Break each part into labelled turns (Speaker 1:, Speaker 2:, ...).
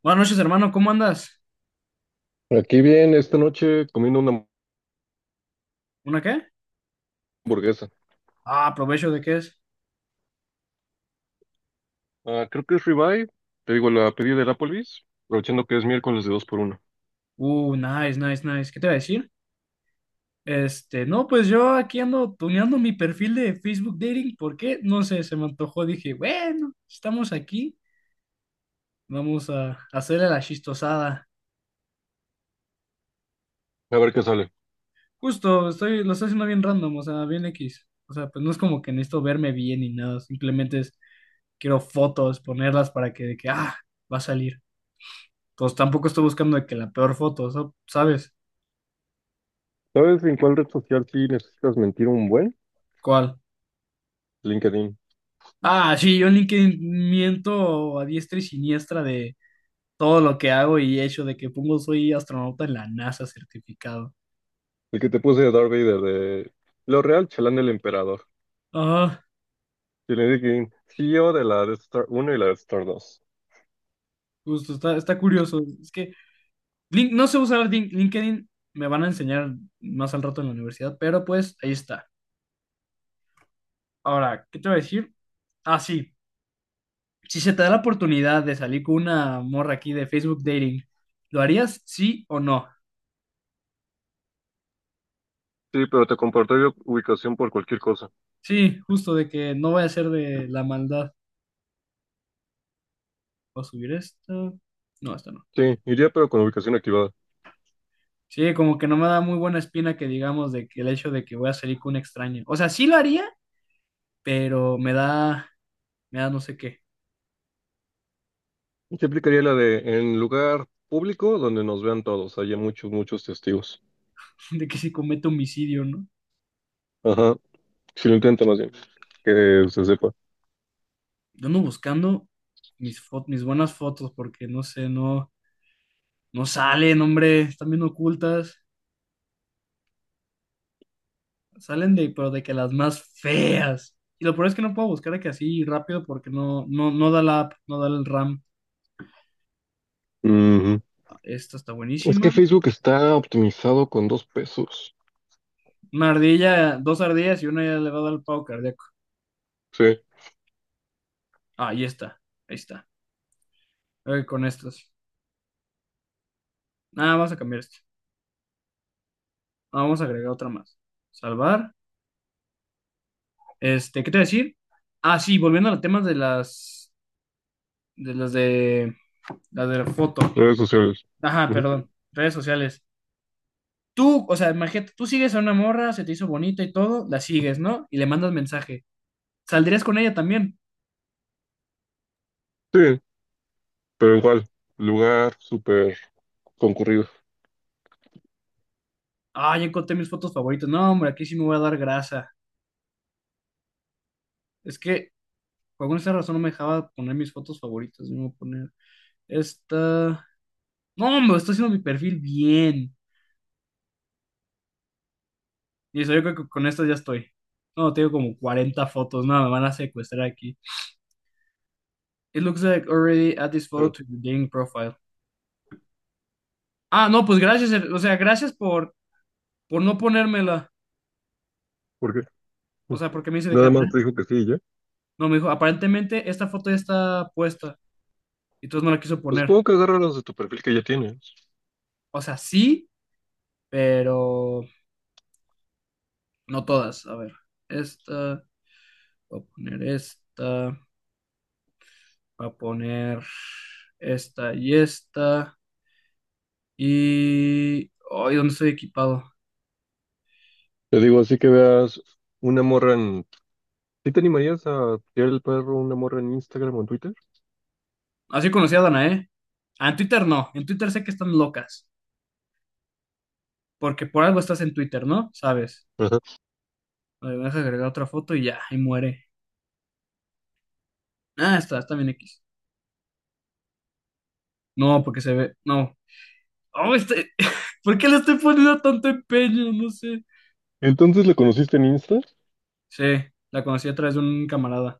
Speaker 1: Buenas noches, hermano, ¿cómo andas?
Speaker 2: Aquí bien, esta noche comiendo una
Speaker 1: ¿Una qué?
Speaker 2: hamburguesa.
Speaker 1: Ah, provecho de qué es.
Speaker 2: Ah, creo que es ribeye, te digo, la pedí del Applebee's, aprovechando que es miércoles de dos por uno.
Speaker 1: Nice, nice, nice. ¿Qué te iba a decir? Este, no, pues yo aquí ando tuneando mi perfil de Facebook Dating. ¿Por qué? No sé, se me antojó. Dije, bueno, estamos aquí, vamos a hacerle la chistosada.
Speaker 2: A ver qué sale.
Speaker 1: Justo, estoy, lo estoy haciendo bien random, o sea, bien X. O sea, pues no es como que necesito verme bien ni nada, simplemente es, quiero fotos, ponerlas para que, de que, va a salir. Pues tampoco estoy buscando de que la peor foto, ¿sabes?
Speaker 2: ¿Sabes en cuál red social sí necesitas mentir un buen?
Speaker 1: ¿Cuál?
Speaker 2: LinkedIn.
Speaker 1: Ah, sí, yo en LinkedIn miento a diestra y siniestra de todo lo que hago y hecho, de que pongo soy astronauta en la NASA certificado.
Speaker 2: El que te puse de Darth Vader de lo real chalán del emperador.
Speaker 1: Ajá,
Speaker 2: Y le dije, CEO de la Death Star Uno y la Death Star Dos.
Speaker 1: justo, está, está curioso. Es que no sé usar LinkedIn, me van a enseñar más al rato en la universidad, pero pues ahí está. Ahora, ¿qué te voy a decir? Ah, sí, si se te da la oportunidad de salir con una morra aquí de Facebook Dating, ¿lo harías sí o no?
Speaker 2: Sí, pero te compartiría ubicación por cualquier cosa.
Speaker 1: Sí, justo de que no vaya a ser de la maldad. Voy a subir esto. No, esto no.
Speaker 2: Sí, iría pero con ubicación activada.
Speaker 1: Sí, como que no me da muy buena espina que digamos de que el hecho de que voy a salir con un extraño. O sea, sí lo haría, pero me da no sé qué,
Speaker 2: Y te aplicaría la de en lugar público donde nos vean todos, haya muchos, muchos testigos.
Speaker 1: de que si cometo homicidio, ¿no?
Speaker 2: Ajá. Si lo intenta más bien, que se sepa.
Speaker 1: Yo ando buscando mis buenas fotos porque no sé, no, no salen, hombre, están bien ocultas. Salen de, pero de que las más feas. Y lo peor es que no puedo buscar de que así rápido porque no, no, no da la app, no da el RAM.
Speaker 2: Ujú.
Speaker 1: Ah, esta está
Speaker 2: Es que
Speaker 1: buenísima.
Speaker 2: Facebook está optimizado con dos pesos.
Speaker 1: Una ardilla, dos ardillas y una ya le va a dar el pavo cardíaco.
Speaker 2: Sí,
Speaker 1: Ah, ahí está, ahí está. Con estas. Nada, vamos a cambiar esto. Ah, vamos a agregar otra más. Salvar. Este, ¿qué te voy a decir? Ah, sí, volviendo a los temas de las de las de las de la foto.
Speaker 2: redes sociales.
Speaker 1: Ajá,
Speaker 2: Ujú.
Speaker 1: perdón. Redes sociales. Tú, o sea, imagínate, tú sigues a una morra, se te hizo bonita y todo, la sigues, ¿no? Y le mandas mensaje. ¿Saldrías con ella también?
Speaker 2: Sí, pero igual, lugar súper concurrido.
Speaker 1: Ah, ya encontré mis fotos favoritas. No, hombre, aquí sí me voy a dar grasa. Es que por alguna extraña razón no me dejaba poner mis fotos favoritas. Me voy a poner esta. No, hombre, estoy haciendo mi perfil bien. Listo, yo creo que con esto ya estoy. No, tengo como 40 fotos. No, me van a secuestrar aquí. It looks like already add this photo
Speaker 2: Pero,
Speaker 1: to your dating profile. Ah, no, pues gracias. O sea, gracias por no ponérmela.
Speaker 2: ¿por qué?
Speaker 1: O sea, porque me dice de que...
Speaker 2: Nada más
Speaker 1: apar-
Speaker 2: te dijo que sí, ¿y ya?
Speaker 1: No, me dijo, aparentemente esta foto ya está puesta. Y entonces no la quiso
Speaker 2: Pues
Speaker 1: poner.
Speaker 2: supongo que agarra los de tu perfil que ya tienes.
Speaker 1: O sea, sí, pero no todas. A ver, esta, voy a poner esta, voy a poner esta y esta. Y... ay, ¿dónde estoy equipado?
Speaker 2: Te digo, así que veas una morra en... ¿Sí te animarías a tirar el perro a una morra en Instagram o en Twitter?
Speaker 1: Así conocí a Danae. Ah, en Twitter no. En Twitter sé que están locas. Porque por algo estás en Twitter, ¿no? Sabes.
Speaker 2: Ajá.
Speaker 1: A ver, deja agregar otra foto y ya, y muere. Ah, está, está bien X. No, porque se ve. No. Oh, este... ¿Por qué le estoy poniendo tanto empeño? No sé.
Speaker 2: Entonces, ¿la conociste en Insta?
Speaker 1: Sí, la conocí a través de un camarada.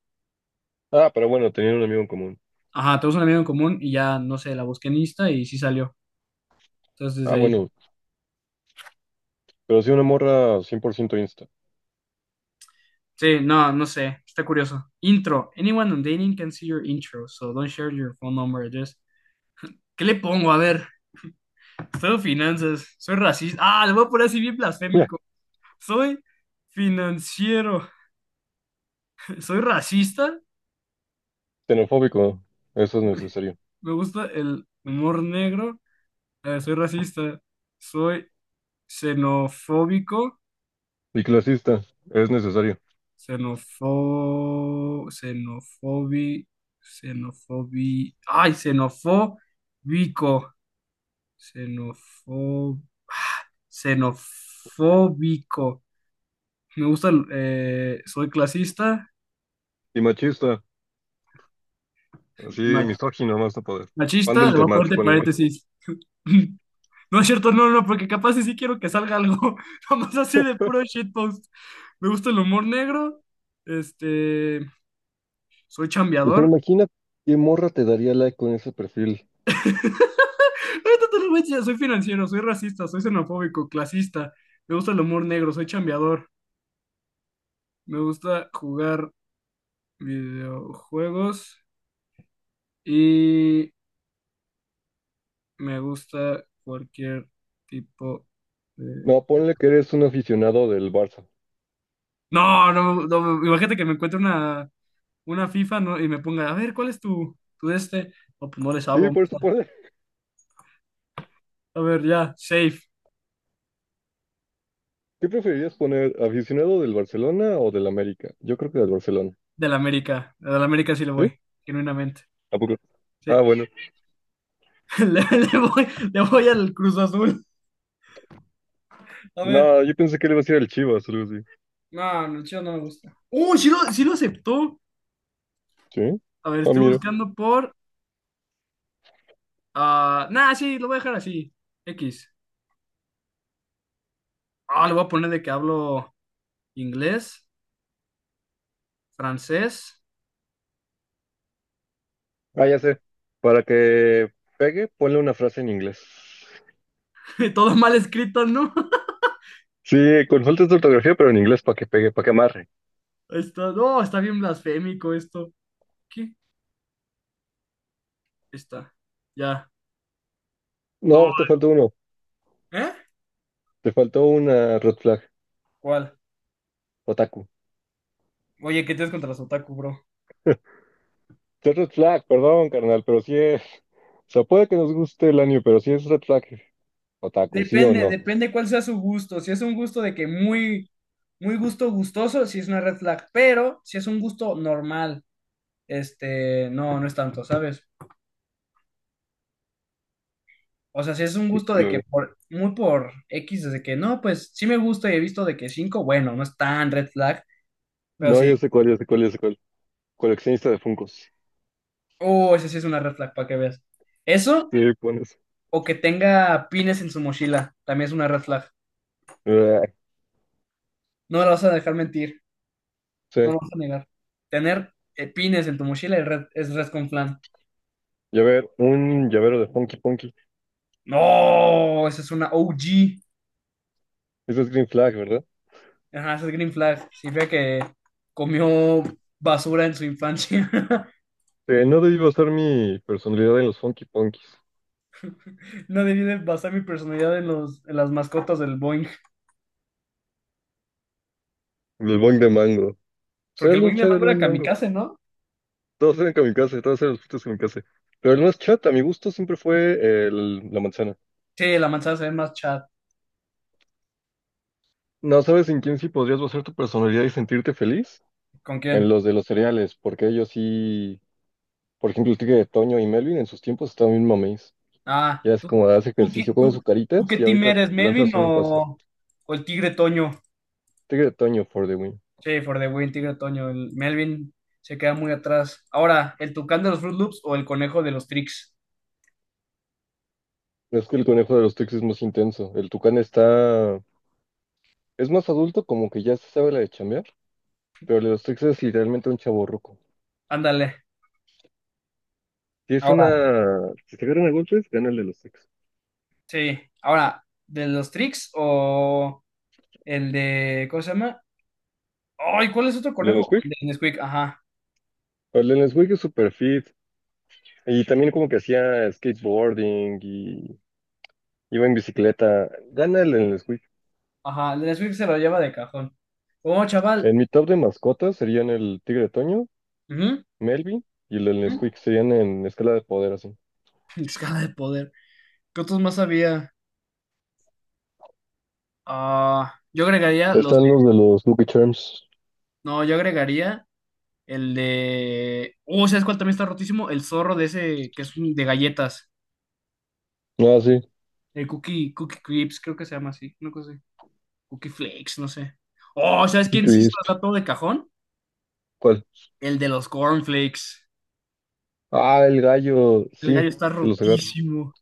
Speaker 2: Ah, pero bueno, tenían un amigo en común.
Speaker 1: Ajá, tenemos un amigo en común y ya, no sé, la busqué en Insta y sí salió. Entonces
Speaker 2: Ah,
Speaker 1: desde ahí.
Speaker 2: bueno, pero sí una morra 100% Insta.
Speaker 1: Sí, no, no sé. Está curioso. Intro. Anyone on dating can see your intro, so don't share your phone number address. ¿Qué le pongo? A ver. Soy finanzas, soy racista. Ah, lo voy a poner así bien blasfémico. Soy financiero, soy racista.
Speaker 2: Xenofóbico, eso es necesario.
Speaker 1: Me gusta el humor negro. Soy racista, soy xenofóbico,
Speaker 2: Y clasista, es necesario.
Speaker 1: xenofo, xenofobi, xenofobi, ay, xenofóbico, xenofo, ah, xenofóbico. Me gusta, soy clasista,
Speaker 2: Y machista, así misógino más no poder. Cuando
Speaker 1: machista,
Speaker 2: el
Speaker 1: le voy a
Speaker 2: temach,
Speaker 1: poner
Speaker 2: ponle.
Speaker 1: paréntesis. No es cierto, no, no, no, porque capaz y sí quiero que salga algo, nomás así de puro shitpost. Me gusta el humor negro, este, soy
Speaker 2: O sea,
Speaker 1: chambeador.
Speaker 2: imagina qué morra te daría like con ese perfil.
Speaker 1: Ahorita te lo voy a enseñar, soy financiero, soy racista, soy xenofóbico, clasista. Me gusta el humor negro, soy chambeador. Me gusta jugar videojuegos y me gusta cualquier tipo de...
Speaker 2: No, ponle que eres un aficionado del Barça.
Speaker 1: No, no, no, imagínate que me encuentre una FIFA y me pongan, a ver, ¿cuál es tu, tu de este? No, pues no le
Speaker 2: Sí,
Speaker 1: sabo.
Speaker 2: por eso ponle.
Speaker 1: A ver, ya, safe
Speaker 2: ¿Qué preferirías poner? ¿Aficionado del Barcelona o del América? Yo creo que del Barcelona.
Speaker 1: del América. Del América sí le
Speaker 2: ¿Sí?
Speaker 1: voy, genuinamente.
Speaker 2: ¿A poco? Ah,
Speaker 1: Sí,
Speaker 2: bueno.
Speaker 1: le, le voy, le voy al Cruz Azul. A ver,
Speaker 2: No, yo pensé que le iba a decir al Chivas, algo así.
Speaker 1: no, no, el Chivas no me gusta. ¡Uy, sí lo aceptó!
Speaker 2: ¿Sí?
Speaker 1: A ver,
Speaker 2: Ah,
Speaker 1: estoy
Speaker 2: mira.
Speaker 1: buscando por... ah, nah, sí, lo voy a dejar así. X. Ah, le voy a poner de que hablo inglés, francés,
Speaker 2: Ah, ya sé. Para que pegue, ponle una frase en inglés.
Speaker 1: todo mal escrito, ¿no?
Speaker 2: Sí, consultas de ortografía, pero en inglés para que pegue, para que amarre.
Speaker 1: Está, no, está bien blasfémico esto. ¿Qué? Está. Ya. No,
Speaker 2: No, te faltó uno.
Speaker 1: ¿eh?
Speaker 2: Te faltó una red flag,
Speaker 1: ¿Cuál?
Speaker 2: otaku.
Speaker 1: Oye, ¿qué tienes contra los otaku, bro?
Speaker 2: Es red flag, perdón, carnal, pero sí es. O sea, puede que nos guste el anime, pero sí es red flag, otaku, ¿sí o
Speaker 1: Depende,
Speaker 2: no?
Speaker 1: depende cuál sea su gusto. Si es un gusto de que muy, muy gusto gustoso, si es una red flag, pero si es un gusto normal, este, no, no es tanto, ¿sabes? O sea, si es un gusto de
Speaker 2: No,
Speaker 1: que
Speaker 2: no.
Speaker 1: por, muy por X, desde que no, pues sí me gusta y he visto de que 5, bueno, no es tan red flag, pero
Speaker 2: No,
Speaker 1: sí,
Speaker 2: yo sé cuál, yo sé cuál, yo sé cuál. Coleccionista de Funkos.
Speaker 1: oh, ese sí es una red flag, para que veas. Eso,
Speaker 2: Sí, pones.
Speaker 1: o que tenga pines en su mochila, también es una red flag.
Speaker 2: Ah,
Speaker 1: No me lo vas a dejar mentir. No
Speaker 2: sí.
Speaker 1: lo vas a negar. Tener pines en tu mochila es red, es res con flan.
Speaker 2: Llavero, un llavero de Funky Punky.
Speaker 1: No, esa es una OG.
Speaker 2: Eso es green flag, ¿verdad?
Speaker 1: Ajá, esa es Green Flag. Significa que comió basura en su infancia.
Speaker 2: No debí basar mi personalidad en los Funky Punkies.
Speaker 1: No debí de basar mi personalidad en los, en las mascotas del Boeing.
Speaker 2: El boing de mango. Será
Speaker 1: Porque el
Speaker 2: bien
Speaker 1: Boeing de
Speaker 2: chido el
Speaker 1: mango era
Speaker 2: boing de mango.
Speaker 1: kamikaze, ¿no?
Speaker 2: Todos eran kamikaze, todos eran los frutos kamikaze. Pero el más chat, a mi gusto, siempre fue la manzana.
Speaker 1: Sí, la manzana se ve más chat.
Speaker 2: No sabes en quién sí podrías basar tu personalidad y sentirte feliz.
Speaker 1: ¿Con
Speaker 2: En
Speaker 1: quién?
Speaker 2: los de los cereales, porque ellos sí. Por ejemplo, el tigre de Toño y Melvin en sus tiempos estaban bien mames.
Speaker 1: Ah,
Speaker 2: Ya es
Speaker 1: ¿tú,
Speaker 2: como hace
Speaker 1: tú,
Speaker 2: ejercicio,
Speaker 1: qui-
Speaker 2: comen
Speaker 1: tú-
Speaker 2: sus
Speaker 1: Tú
Speaker 2: caritas
Speaker 1: qué
Speaker 2: y
Speaker 1: team
Speaker 2: ahorita
Speaker 1: eres, Melvin
Speaker 2: lanzas un pase.
Speaker 1: o el tigre Toño?
Speaker 2: Tigre de Toño for the win.
Speaker 1: Sí, for the win, Tigre Toño. El Melvin se queda muy atrás. Ahora, ¿el tucán de los Fruit Loops o el conejo de los Tricks?
Speaker 2: Es que el conejo de los Tex es más intenso. El tucán está. Es más adulto, como que ya se sabe la de chambear. Pero el de los Tex es literalmente un chavo.
Speaker 1: Ándale.
Speaker 2: Si es
Speaker 1: Ahora,
Speaker 2: una. Si se agarran a golpes, gana el de los sexos.
Speaker 1: sí. Ahora, ¿de los Tricks o el de. ¿Cómo se llama? Ay, ¿cuál es otro
Speaker 2: ¿El de
Speaker 1: conejo?
Speaker 2: Nesquik?
Speaker 1: El de Nesquik, ajá.
Speaker 2: El de Nesquik es super fit. Y también como que hacía skateboarding y iba en bicicleta. Gana el de Nesquik.
Speaker 1: Ajá, el de Nesquik se lo lleva de cajón. Oh, chaval.
Speaker 2: En mi top de mascotas serían el Tigre Toño,
Speaker 1: Ujú,
Speaker 2: Melvin y el de
Speaker 1: ujú.
Speaker 2: Nesquik serían en escala de poder así.
Speaker 1: Escala de poder. ¿Qué otros más había? Ah, yo agregaría los
Speaker 2: Están
Speaker 1: de.
Speaker 2: los de los Lucky Charms.
Speaker 1: No, yo agregaría. El de. Oh, ¿sabes cuál también está rotísimo? El zorro de ese que es de galletas.
Speaker 2: Ah, sí.
Speaker 1: El Cookie, Cookie Crips, creo que se llama así. Una cosa así. Cookie Flakes, no sé. Oh, ¿sabes
Speaker 2: Cookie
Speaker 1: quién sí se
Speaker 2: Crisp.
Speaker 1: los da todo de cajón?
Speaker 2: ¿Cuál?
Speaker 1: El de los cornflakes.
Speaker 2: Ah, el gallo.
Speaker 1: El gallo
Speaker 2: Sí,
Speaker 1: está
Speaker 2: se los agarro.
Speaker 1: rotísimo.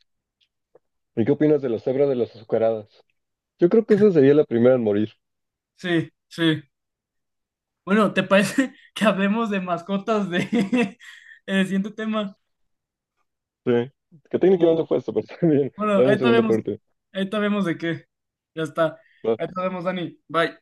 Speaker 2: ¿Y qué opinas de la cebra de las azucaradas? Yo creo que esa sería la primera en morir.
Speaker 1: Sí, sí. Bueno, ¿te parece que hablemos de mascotas de en el siguiente tema?
Speaker 2: Sí, que técnicamente
Speaker 1: O,
Speaker 2: fue eso, pero está bien.
Speaker 1: bueno,
Speaker 2: Le damos
Speaker 1: ahorita
Speaker 2: segunda
Speaker 1: vemos.
Speaker 2: parte.
Speaker 1: Ahorita vemos de qué. Ya está.
Speaker 2: Va.
Speaker 1: Ahorita vemos, Dani. Bye.